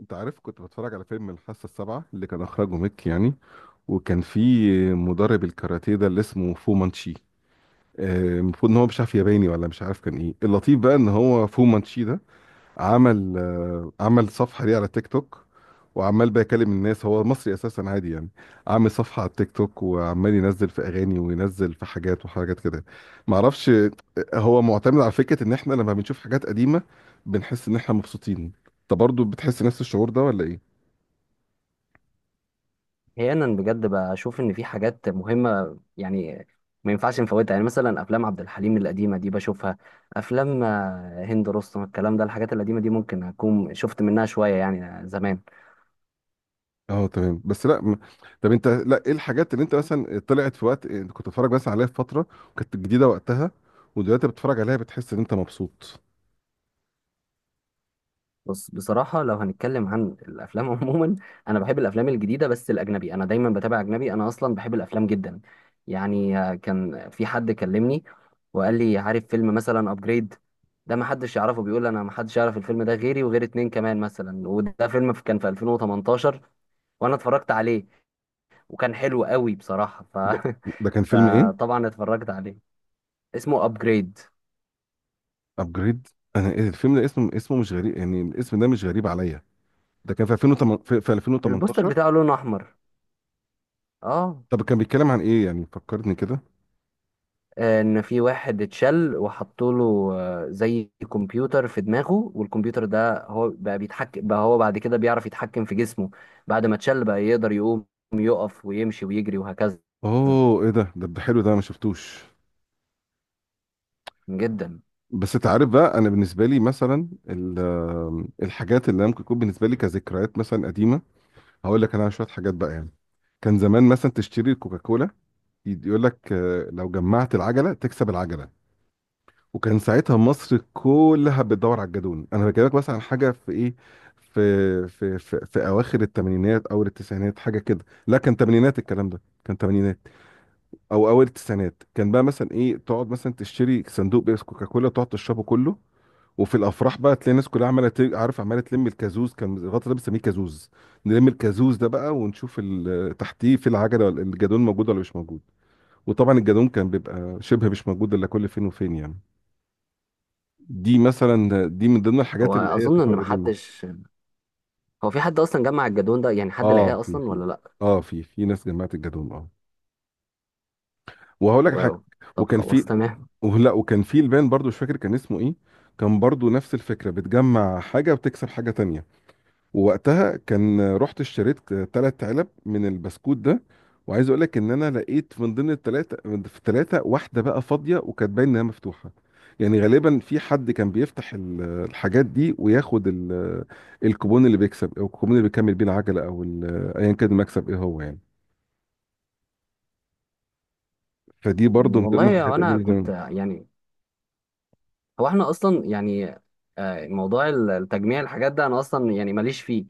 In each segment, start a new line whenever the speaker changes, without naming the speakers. انت عارف، كنت بتفرج على فيلم الحاسه السابعه اللي كان اخرجه ميك يعني. وكان في مدرب الكاراتيه ده اللي اسمه فو مانشي. المفروض ان هو مش عارف ياباني، ولا مش عارف كان ايه. اللطيف بقى ان هو فو مانشي ده عمل صفحه ليه على تيك توك، وعمال بقى يكلم الناس. هو مصري اساسا عادي يعني، عامل صفحه على التيك توك وعمال ينزل في اغاني وينزل في حاجات وحاجات كده. معرفش. هو معتمد على فكره ان احنا لما بنشوف حاجات قديمه بنحس ان احنا مبسوطين. انت برضه بتحس نفس الشعور ده ولا ايه؟
احيانا بجد بشوف ان في حاجات مهمه يعني، ما ينفعش نفوتها. يعني مثلا افلام عبد الحليم القديمه دي بشوفها. افلام هند رستم الكلام ده الحاجات القديمه دي ممكن اكون شفت منها شويه يعني زمان.
اه تمام. بس لا م- طب انت، لا ايه الحاجات اللي انت مثلا طلعت في وقت انت كنت بتتفرج بس عليها في فتره وكانت جديده وقتها، ودلوقتي بتتفرج عليها بتحس ان انت مبسوط؟
بص بصراحة لو هنتكلم عن الأفلام عموما، أنا بحب الأفلام الجديدة بس الأجنبي. أنا دايما بتابع أجنبي، أنا أصلا بحب الأفلام جدا. يعني كان في حد كلمني وقال لي عارف فيلم مثلا أبجريد؟ ده ما حدش يعرفه، بيقول أنا ما حدش يعرف الفيلم ده غيري وغير اتنين كمان مثلا. وده فيلم كان في 2018، وأنا اتفرجت عليه وكان حلو قوي بصراحة
ده كان فيلم ايه؟
فطبعا اتفرجت عليه. اسمه أبجريد.
ابجريد. انا ايه الفيلم ده، اسمه مش غريب يعني، الاسم ده مش غريب عليا. ده كان في 2008، في في
البوستر
2018؟
بتاعه لونه أحمر. اه.
طب كان بيتكلم عن ايه يعني، فكرني كده.
ان في واحد اتشل وحطوا له زي كمبيوتر في دماغه، والكمبيوتر ده هو بقى بيتحكم، بقى هو بعد كده بيعرف يتحكم في جسمه. بعد ما اتشل بقى يقدر يقوم، يقف ويمشي ويجري وهكذا.
اوه، ايه ده حلو، ده أنا ما شفتوش.
جدا.
بس انت عارف بقى، انا بالنسبه لي مثلا الحاجات اللي ممكن تكون بالنسبه لي كذكريات مثلا قديمه، هقول لك انا على شويه حاجات بقى يعني. كان زمان مثلا تشتري الكوكاكولا، يقول لك لو جمعت العجله تكسب العجله. وكان ساعتها مصر كلها بتدور على الجدون. انا بكلمك مثلا عن حاجه في ايه، في اواخر الثمانينات او التسعينات، حاجه كده. لا كان ثمانينات، الكلام ده كان ثمانينات او اول التسعينات. كان بقى مثلا ايه، تقعد مثلا تشتري صندوق بيس كوكاكولا، تقعد تشربه كله. وفي الافراح بقى تلاقي الناس كلها عارف، عماله تلم الكازوز. كان الغطا ده بنسميه كازوز، نلم الكازوز ده بقى ونشوف تحتيه في العجله، ولا الجدون موجود ولا مش موجود. وطبعا الجدون كان بيبقى شبه مش موجود الا كل فين وفين يعني. دي مثلا، دي من ضمن
هو
الحاجات اللي هي
اظن ان
تفرق قديمه.
محدش، هو في حد اصلا جمع الجدول ده يعني؟ حد
اه،
لقاه
في
اصلا
في
ولا لا؟
اه في في ناس جمعت الجدون، اه. وهقول لك
واو.
حاجه،
طب
وكان
خلاص
في،
تمام.
ولا وكان في البان برضو مش فاكر كان اسمه ايه. كان برضو نفس الفكره، بتجمع حاجه وتكسب حاجه تانية. ووقتها كان رحت اشتريت ثلاث علب من البسكوت ده، وعايز اقول لك ان انا لقيت من ضمن الثلاثه، في الثلاثه واحده بقى فاضيه، وكانت باين انها مفتوحه. يعني غالبا في حد كان بيفتح الحاجات دي وياخد الكوبون اللي بيكسب، او الكوبون اللي بيكمل بيه العجله، او ايا كان المكسب ايه هو يعني. فدي برضو من ضمن
والله
الحاجات
انا
اللي
كنت
زمان.
يعني، هو احنا اصلا يعني، موضوع التجميع الحاجات ده انا اصلا يعني ماليش فيه.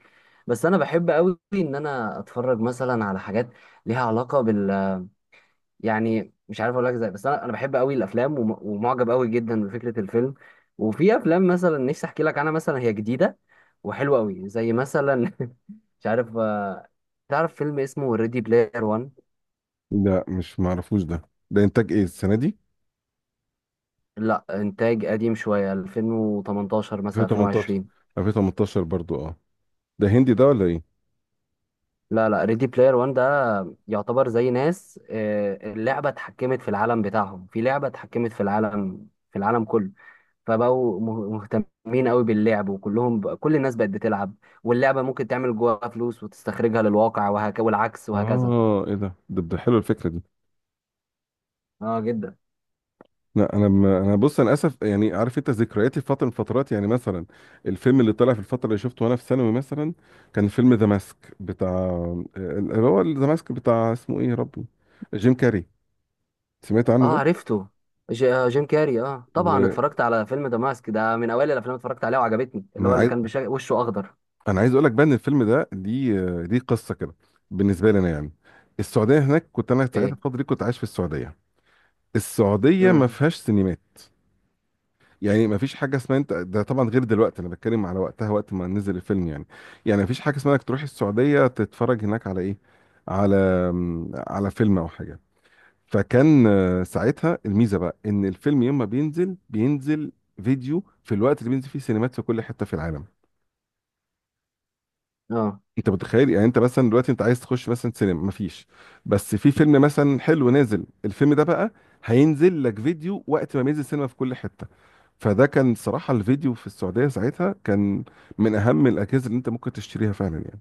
بس انا بحب قوي ان انا اتفرج مثلا على حاجات ليها علاقه بال، يعني مش عارف اقول لك ازاي. بس انا بحب قوي الافلام ومعجب قوي جدا بفكره الفيلم. وفي افلام مثلا نفسي احكي لك عنها، مثلا هي جديده وحلوه قوي زي مثلا مش عارف. تعرف فيلم اسمه ريدي بلاير 1؟
لا مش معرفوش ده. ده انتاج ايه السنه دي؟
لا، انتاج قديم شويه، 2018 مثلا
2018؟
2020.
2018 برضو، اه. ده هندي ده ولا ايه؟
لا لا، ريدي بلاير 1 ده يعتبر زي ناس اللعبة اتحكمت في العالم بتاعهم، في لعبة اتحكمت في العالم، في العالم كله. فبقوا مهتمين قوي باللعب، وكلهم بقى كل الناس بقت بتلعب. واللعبة ممكن تعمل جواها فلوس وتستخرجها للواقع وهك، والعكس وهكذا.
اه، ايه ده حلو الفكره دي.
اه جدا.
لا انا م... انا بص، انا اسف يعني. عارف، انت ذكرياتي في فتره من الفترات يعني مثلا، الفيلم اللي طلع في الفتره اللي شفته وانا في ثانوي مثلا، كان فيلم ذا ماسك بتاع، اللي هو ذا ماسك بتاع اسمه ايه يا ربي. جيم كاري، سمعت عنه
اه
ده.
عرفته. جيم كاري، اه طبعا
وانا
اتفرجت على فيلم ذا ماسك ده، من اوائل الافلام اللي اتفرجت عليها وعجبتني، اللي هو اللي
عايز
كان وشه اخضر.
انا عايز اقول لك بقى، ان الفيلم ده، دي قصه كده. بالنسبه لي انا يعني، السعوديه هناك، كنت انا ساعتها
ايه.
الفتره دي كنت عايش في السعوديه. السعوديه ما
امم.
فيهاش سينمات. يعني ما فيش حاجه اسمها انت ده، طبعا غير دلوقتي، انا بتكلم على وقتها وقت ما نزل الفيلم يعني. يعني ما فيش حاجه اسمها انك تروح السعوديه تتفرج هناك على ايه، على، على فيلم او حاجه. فكان ساعتها الميزه بقى ان الفيلم يوم ما بينزل، بينزل فيديو في الوقت اللي بينزل فيه سينمات في كل حته في العالم.
اه
انت متخيل يعني، انت مثلا دلوقتي انت عايز تخش مثلا سينما، مفيش. بس في فيلم مثلا حلو نازل، الفيلم ده بقى هينزل لك فيديو وقت ما بينزل سينما في كل حته. فده كان صراحة الفيديو في السعودية ساعتها كان من أهم الأجهزة اللي أنت ممكن تشتريها فعلا يعني،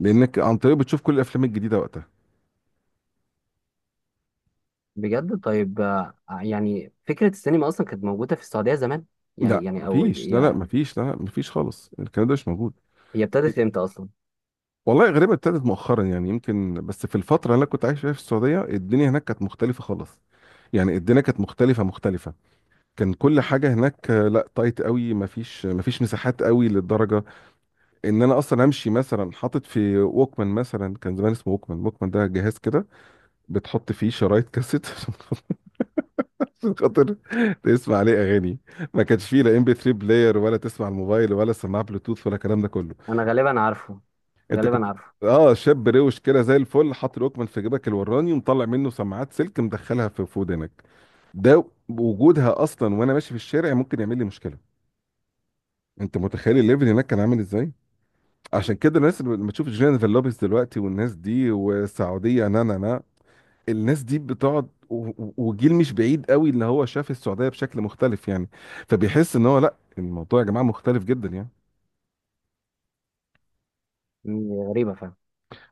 لأنك عن طريقه بتشوف كل الأفلام الجديدة وقتها.
بجد. طيب يعني فكرة السينما أصلا كانت موجودة في السعودية زمان يعني؟
لا
يعني أو
مفيش، لا لا
هي،
مفيش، لا لا مفيش خالص، الكلام ده مش موجود.
هي ابتدت إمتى أصلا؟
والله غريبة، ابتدت مؤخرا يعني يمكن. بس في الفترة اللي أنا كنت عايش فيها في السعودية، الدنيا هناك كانت مختلفة خالص. يعني الدنيا كانت مختلفة كان كل حاجة هناك لا تايت قوي، مفيش، مساحات قوي للدرجة، إن أنا أصلا أمشي مثلا حاطط في ووكمان. مثلا كان زمان اسمه ووكمان، ووكمان ده جهاز كده بتحط فيه شرايط كاسيت عشان خاطر تسمع عليه اغاني. ما كانش فيه لا ام بي 3 بلاير، ولا تسمع الموبايل، ولا سماعه بلوتوث، ولا الكلام ده كله.
أنا غالبا عارفه،
انت كنت
غالبا عارفه.
اه، شاب روش كده زي الفل، حاطط الوكمان في جيبك الوراني، ومطلع منه سماعات سلك مدخلها في في ودنك. ده وجودها اصلا وانا ماشي في الشارع ممكن يعمل لي مشكله. انت متخيل الليفل هناك كان عامل ازاي؟ عشان كده الناس اللي لما تشوف جينيفر لوبيز دلوقتي والناس دي والسعوديه نا نا نا، الناس دي بتقعد وجيل مش بعيد قوي اللي هو شاف السعودية بشكل مختلف يعني، فبيحس ان هو لا، الموضوع يا جماعة مختلف جدا يعني.
مم، غريبة فعلا.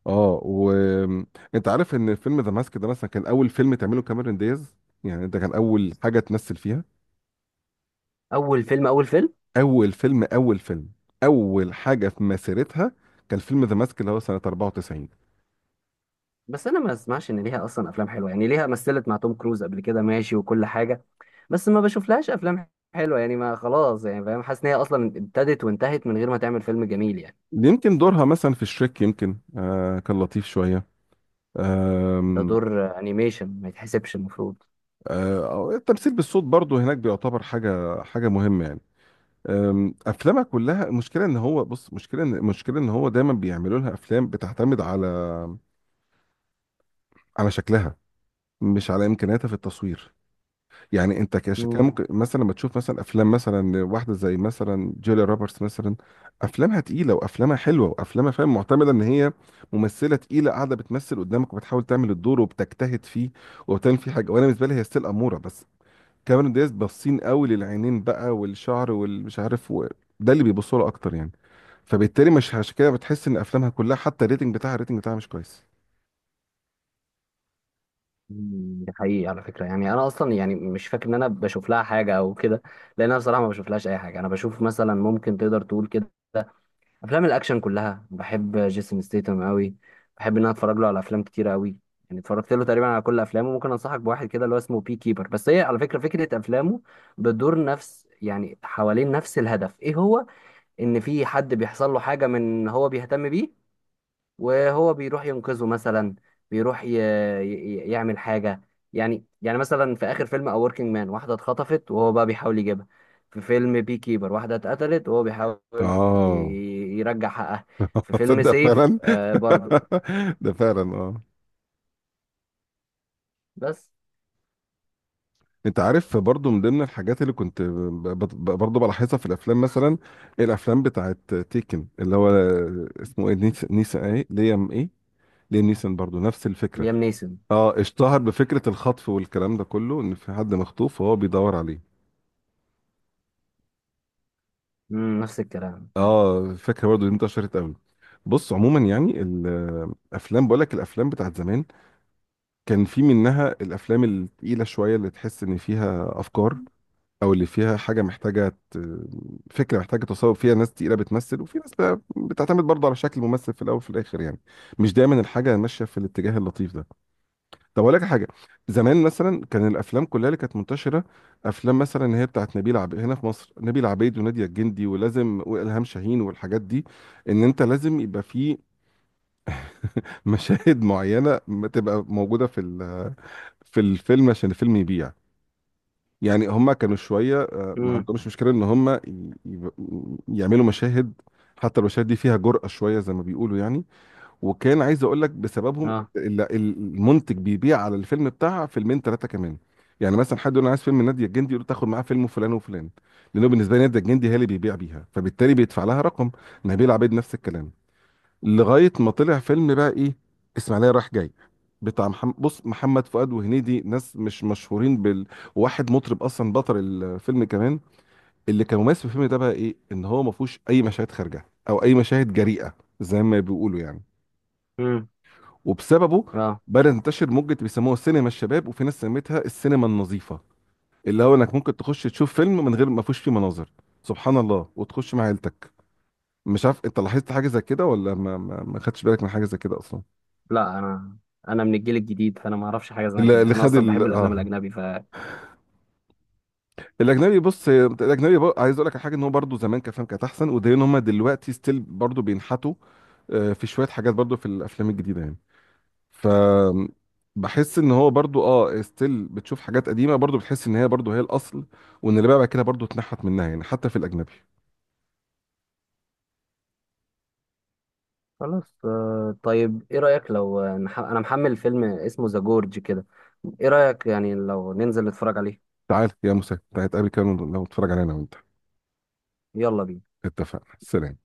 اه، وانت عارف ان فيلم ذا ماسك ده مثلا كان اول فيلم تعمله كاميرون دياز. يعني ده كان اول حاجة تمثل فيها.
أول فيلم، أول فيلم.
اول فيلم، اول فيلم، اول حاجة في مسيرتها، كان فيلم ذا ماسك اللي هو سنة 94.
بس أنا ما أسمعش إن ليها أصلا أفلام حلوة يعني. ليها مثلت مع توم كروز قبل كده ماشي وكل حاجة، بس ما بشوف لهاش أفلام حلوة يعني. ما خلاص يعني فاهم، حاسس إن هي أصلا ابتدت وانتهت من غير ما تعمل فيلم جميل يعني.
يمكن دورها مثلا في الشريك يمكن، كان لطيف شوية.
ده
آم،
دور أنيميشن، ما يتحسبش المفروض.
التمثيل بالصوت برضو هناك بيعتبر حاجة مهمة يعني. افلامها كلها، المشكله ان هو بص، مشكله ان المشكله ان هو دايما بيعملوا لها افلام بتعتمد على، على شكلها، مش على امكانياتها في التصوير. يعني انت كان ممكن مثلا لما تشوف مثلا افلام مثلا واحده زي مثلا جوليا روبرتس مثلا، افلامها تقيله، وافلامها حلوه، وافلامها فاهم، معتمده ان هي ممثله تقيله قاعده بتمثل قدامك وبتحاول تعمل الدور وبتجتهد فيه وبتعمل فيه حاجه. وانا بالنسبه لي هي ستيل اموره بس. كاميرون دياز، باصين قوي للعينين بقى والشعر ده اللي بيبصوا له اكتر يعني. فبالتالي مش عشان كده بتحس ان افلامها كلها، حتى الريتنج بتاعها، مش كويس.
مم، دي حقيقي على فكرة. يعني أنا أصلا يعني مش فاكر إن أنا بشوف لها حاجة أو كده، لأن أنا بصراحة ما بشوف لهاش أي حاجة. أنا بشوف مثلا، ممكن تقدر تقول كده، أفلام الأكشن كلها. بحب جيسون ستيتم أوي، بحب إن أنا أتفرج له على أفلام كتيرة أوي. يعني اتفرجت له تقريبا على كل أفلامه. ممكن أنصحك بواحد كده اللي هو اسمه بي كيبر. بس هي على فكرة فكرة أفلامه بتدور نفس يعني حوالين نفس الهدف، إيه هو؟ إن في حد بيحصل له حاجة من هو بيهتم بيه، وهو بيروح ينقذه مثلا، بيروح يعمل حاجة. يعني يعني مثلا في آخر فيلم A Working Man، واحدة اتخطفت وهو بقى بيحاول يجيبها. في فيلم بي كيبر واحدة اتقتلت وهو بيحاول
اه
يرجع حقها. في فيلم
تصدق
سيف
فعلا.
آه برضو،
ده فعلا، اه.
بس.
انت عارف، برضو من ضمن الحاجات اللي كنت برضو بلاحظها في الافلام مثلا، الافلام بتاعت تيكن اللي هو اسمه ايه، نيسان ايه، ليام ايه، ليام نيسان، برضو نفس الفكره.
ليام نيسون.
اه، اشتهر بفكره الخطف والكلام ده كله، ان في حد مخطوف وهو بيدور عليه.
مم، نفس الكلام.
اه فاكر برضه دي انتشرت قوي. بص عموما يعني، الافلام، بقول لك الافلام بتاعت زمان كان في منها الافلام التقيله شويه، اللي تحس ان فيها افكار، او اللي فيها حاجه محتاجه فكره محتاجه تصور فيها ناس تقيله بتمثل، وفي ناس بقى بتعتمد برضه على شكل الممثل في الاول وفي الاخر يعني. مش دايما الحاجه ماشيه في الاتجاه اللطيف ده. طب اقول لك حاجه، زمان مثلا كان الافلام كلها اللي كانت منتشره، افلام مثلا اللي هي بتاعت نبيل عبيد، هنا في مصر نبيل عبيد وناديه الجندي ولازم والهام شاهين والحاجات دي، ان انت لازم يبقى في مشاهد معينه ما تبقى موجوده في في الفيلم عشان الفيلم يبيع. يعني هما كانوا شويه ما
امم.
عندهمش مشكله ان هما يعملوا مشاهد. حتى المشاهد دي فيها جرأة شويه زي ما بيقولوا يعني. وكان عايز اقول لك بسببهم
اه.
المنتج بيبيع على الفيلم بتاعها فيلمين ثلاثه كمان. يعني مثلا حد يقول انا عايز فيلم ناديه الجندي، يقول له تاخد معاه فيلم فلان وفلان، لانه بالنسبه لي ناديه الجندي هي اللي بيبيع بيها، فبالتالي بيدفع لها رقم. نبيل عبيد نفس الكلام. لغايه ما طلع فيلم بقى ايه، اسماعيليه رايح جاي، بتاع محمد، بص، محمد فؤاد وهنيدي، ناس مش مشهورين بال، واحد مطرب اصلا بطل الفيلم كمان. اللي كان مميز في الفيلم ده بقى ايه، ان هو ما فيهوش اي مشاهد خارجه او اي مشاهد جريئه زي ما بيقولوا يعني.
امم.
وبسببه
اه.
بدأ ينتشر موجة بيسموها سينما الشباب، وفي ناس سميتها السينما النظيفة، اللي هو انك ممكن تخش تشوف فيلم من غير ما فيهوش فيه مناظر سبحان الله، وتخش مع عيلتك. مش عارف انت لاحظت حاجة زي كده ولا ما خدتش بالك من حاجة زي كده اصلا.
لا انا من الجيل الجديد، فانا ما اعرفش حاجه زي
اللي
كده.
اللي
انا
خد
اصلا بحب
ال...
الافلام
اه
الاجنبي.
الاجنبي، بص، الاجنبي بقى، عايز اقول لك على حاجه، ان هو برضه زمان كان فاهم كانت احسن، وده ان هم دلوقتي ستيل برضه بينحتوا في شويه حاجات برضه في الافلام الجديده يعني. ف بحس ان هو برضو اه ستيل بتشوف حاجات قديمه، برضو بتحس ان هي برضو هي الاصل، وان اللي بقى بعد كده برضو اتنحت منها يعني حتى في الاجنبي.
خلاص. طيب ايه رأيك لو انا محمل فيلم اسمه ذا جورج كده، ايه رأيك يعني لو ننزل نتفرج عليه؟
تعال يا موسى، تعال نتقابل كده لو نتفرج علينا وانت.
يلا بينا.
اتفقنا، سلام.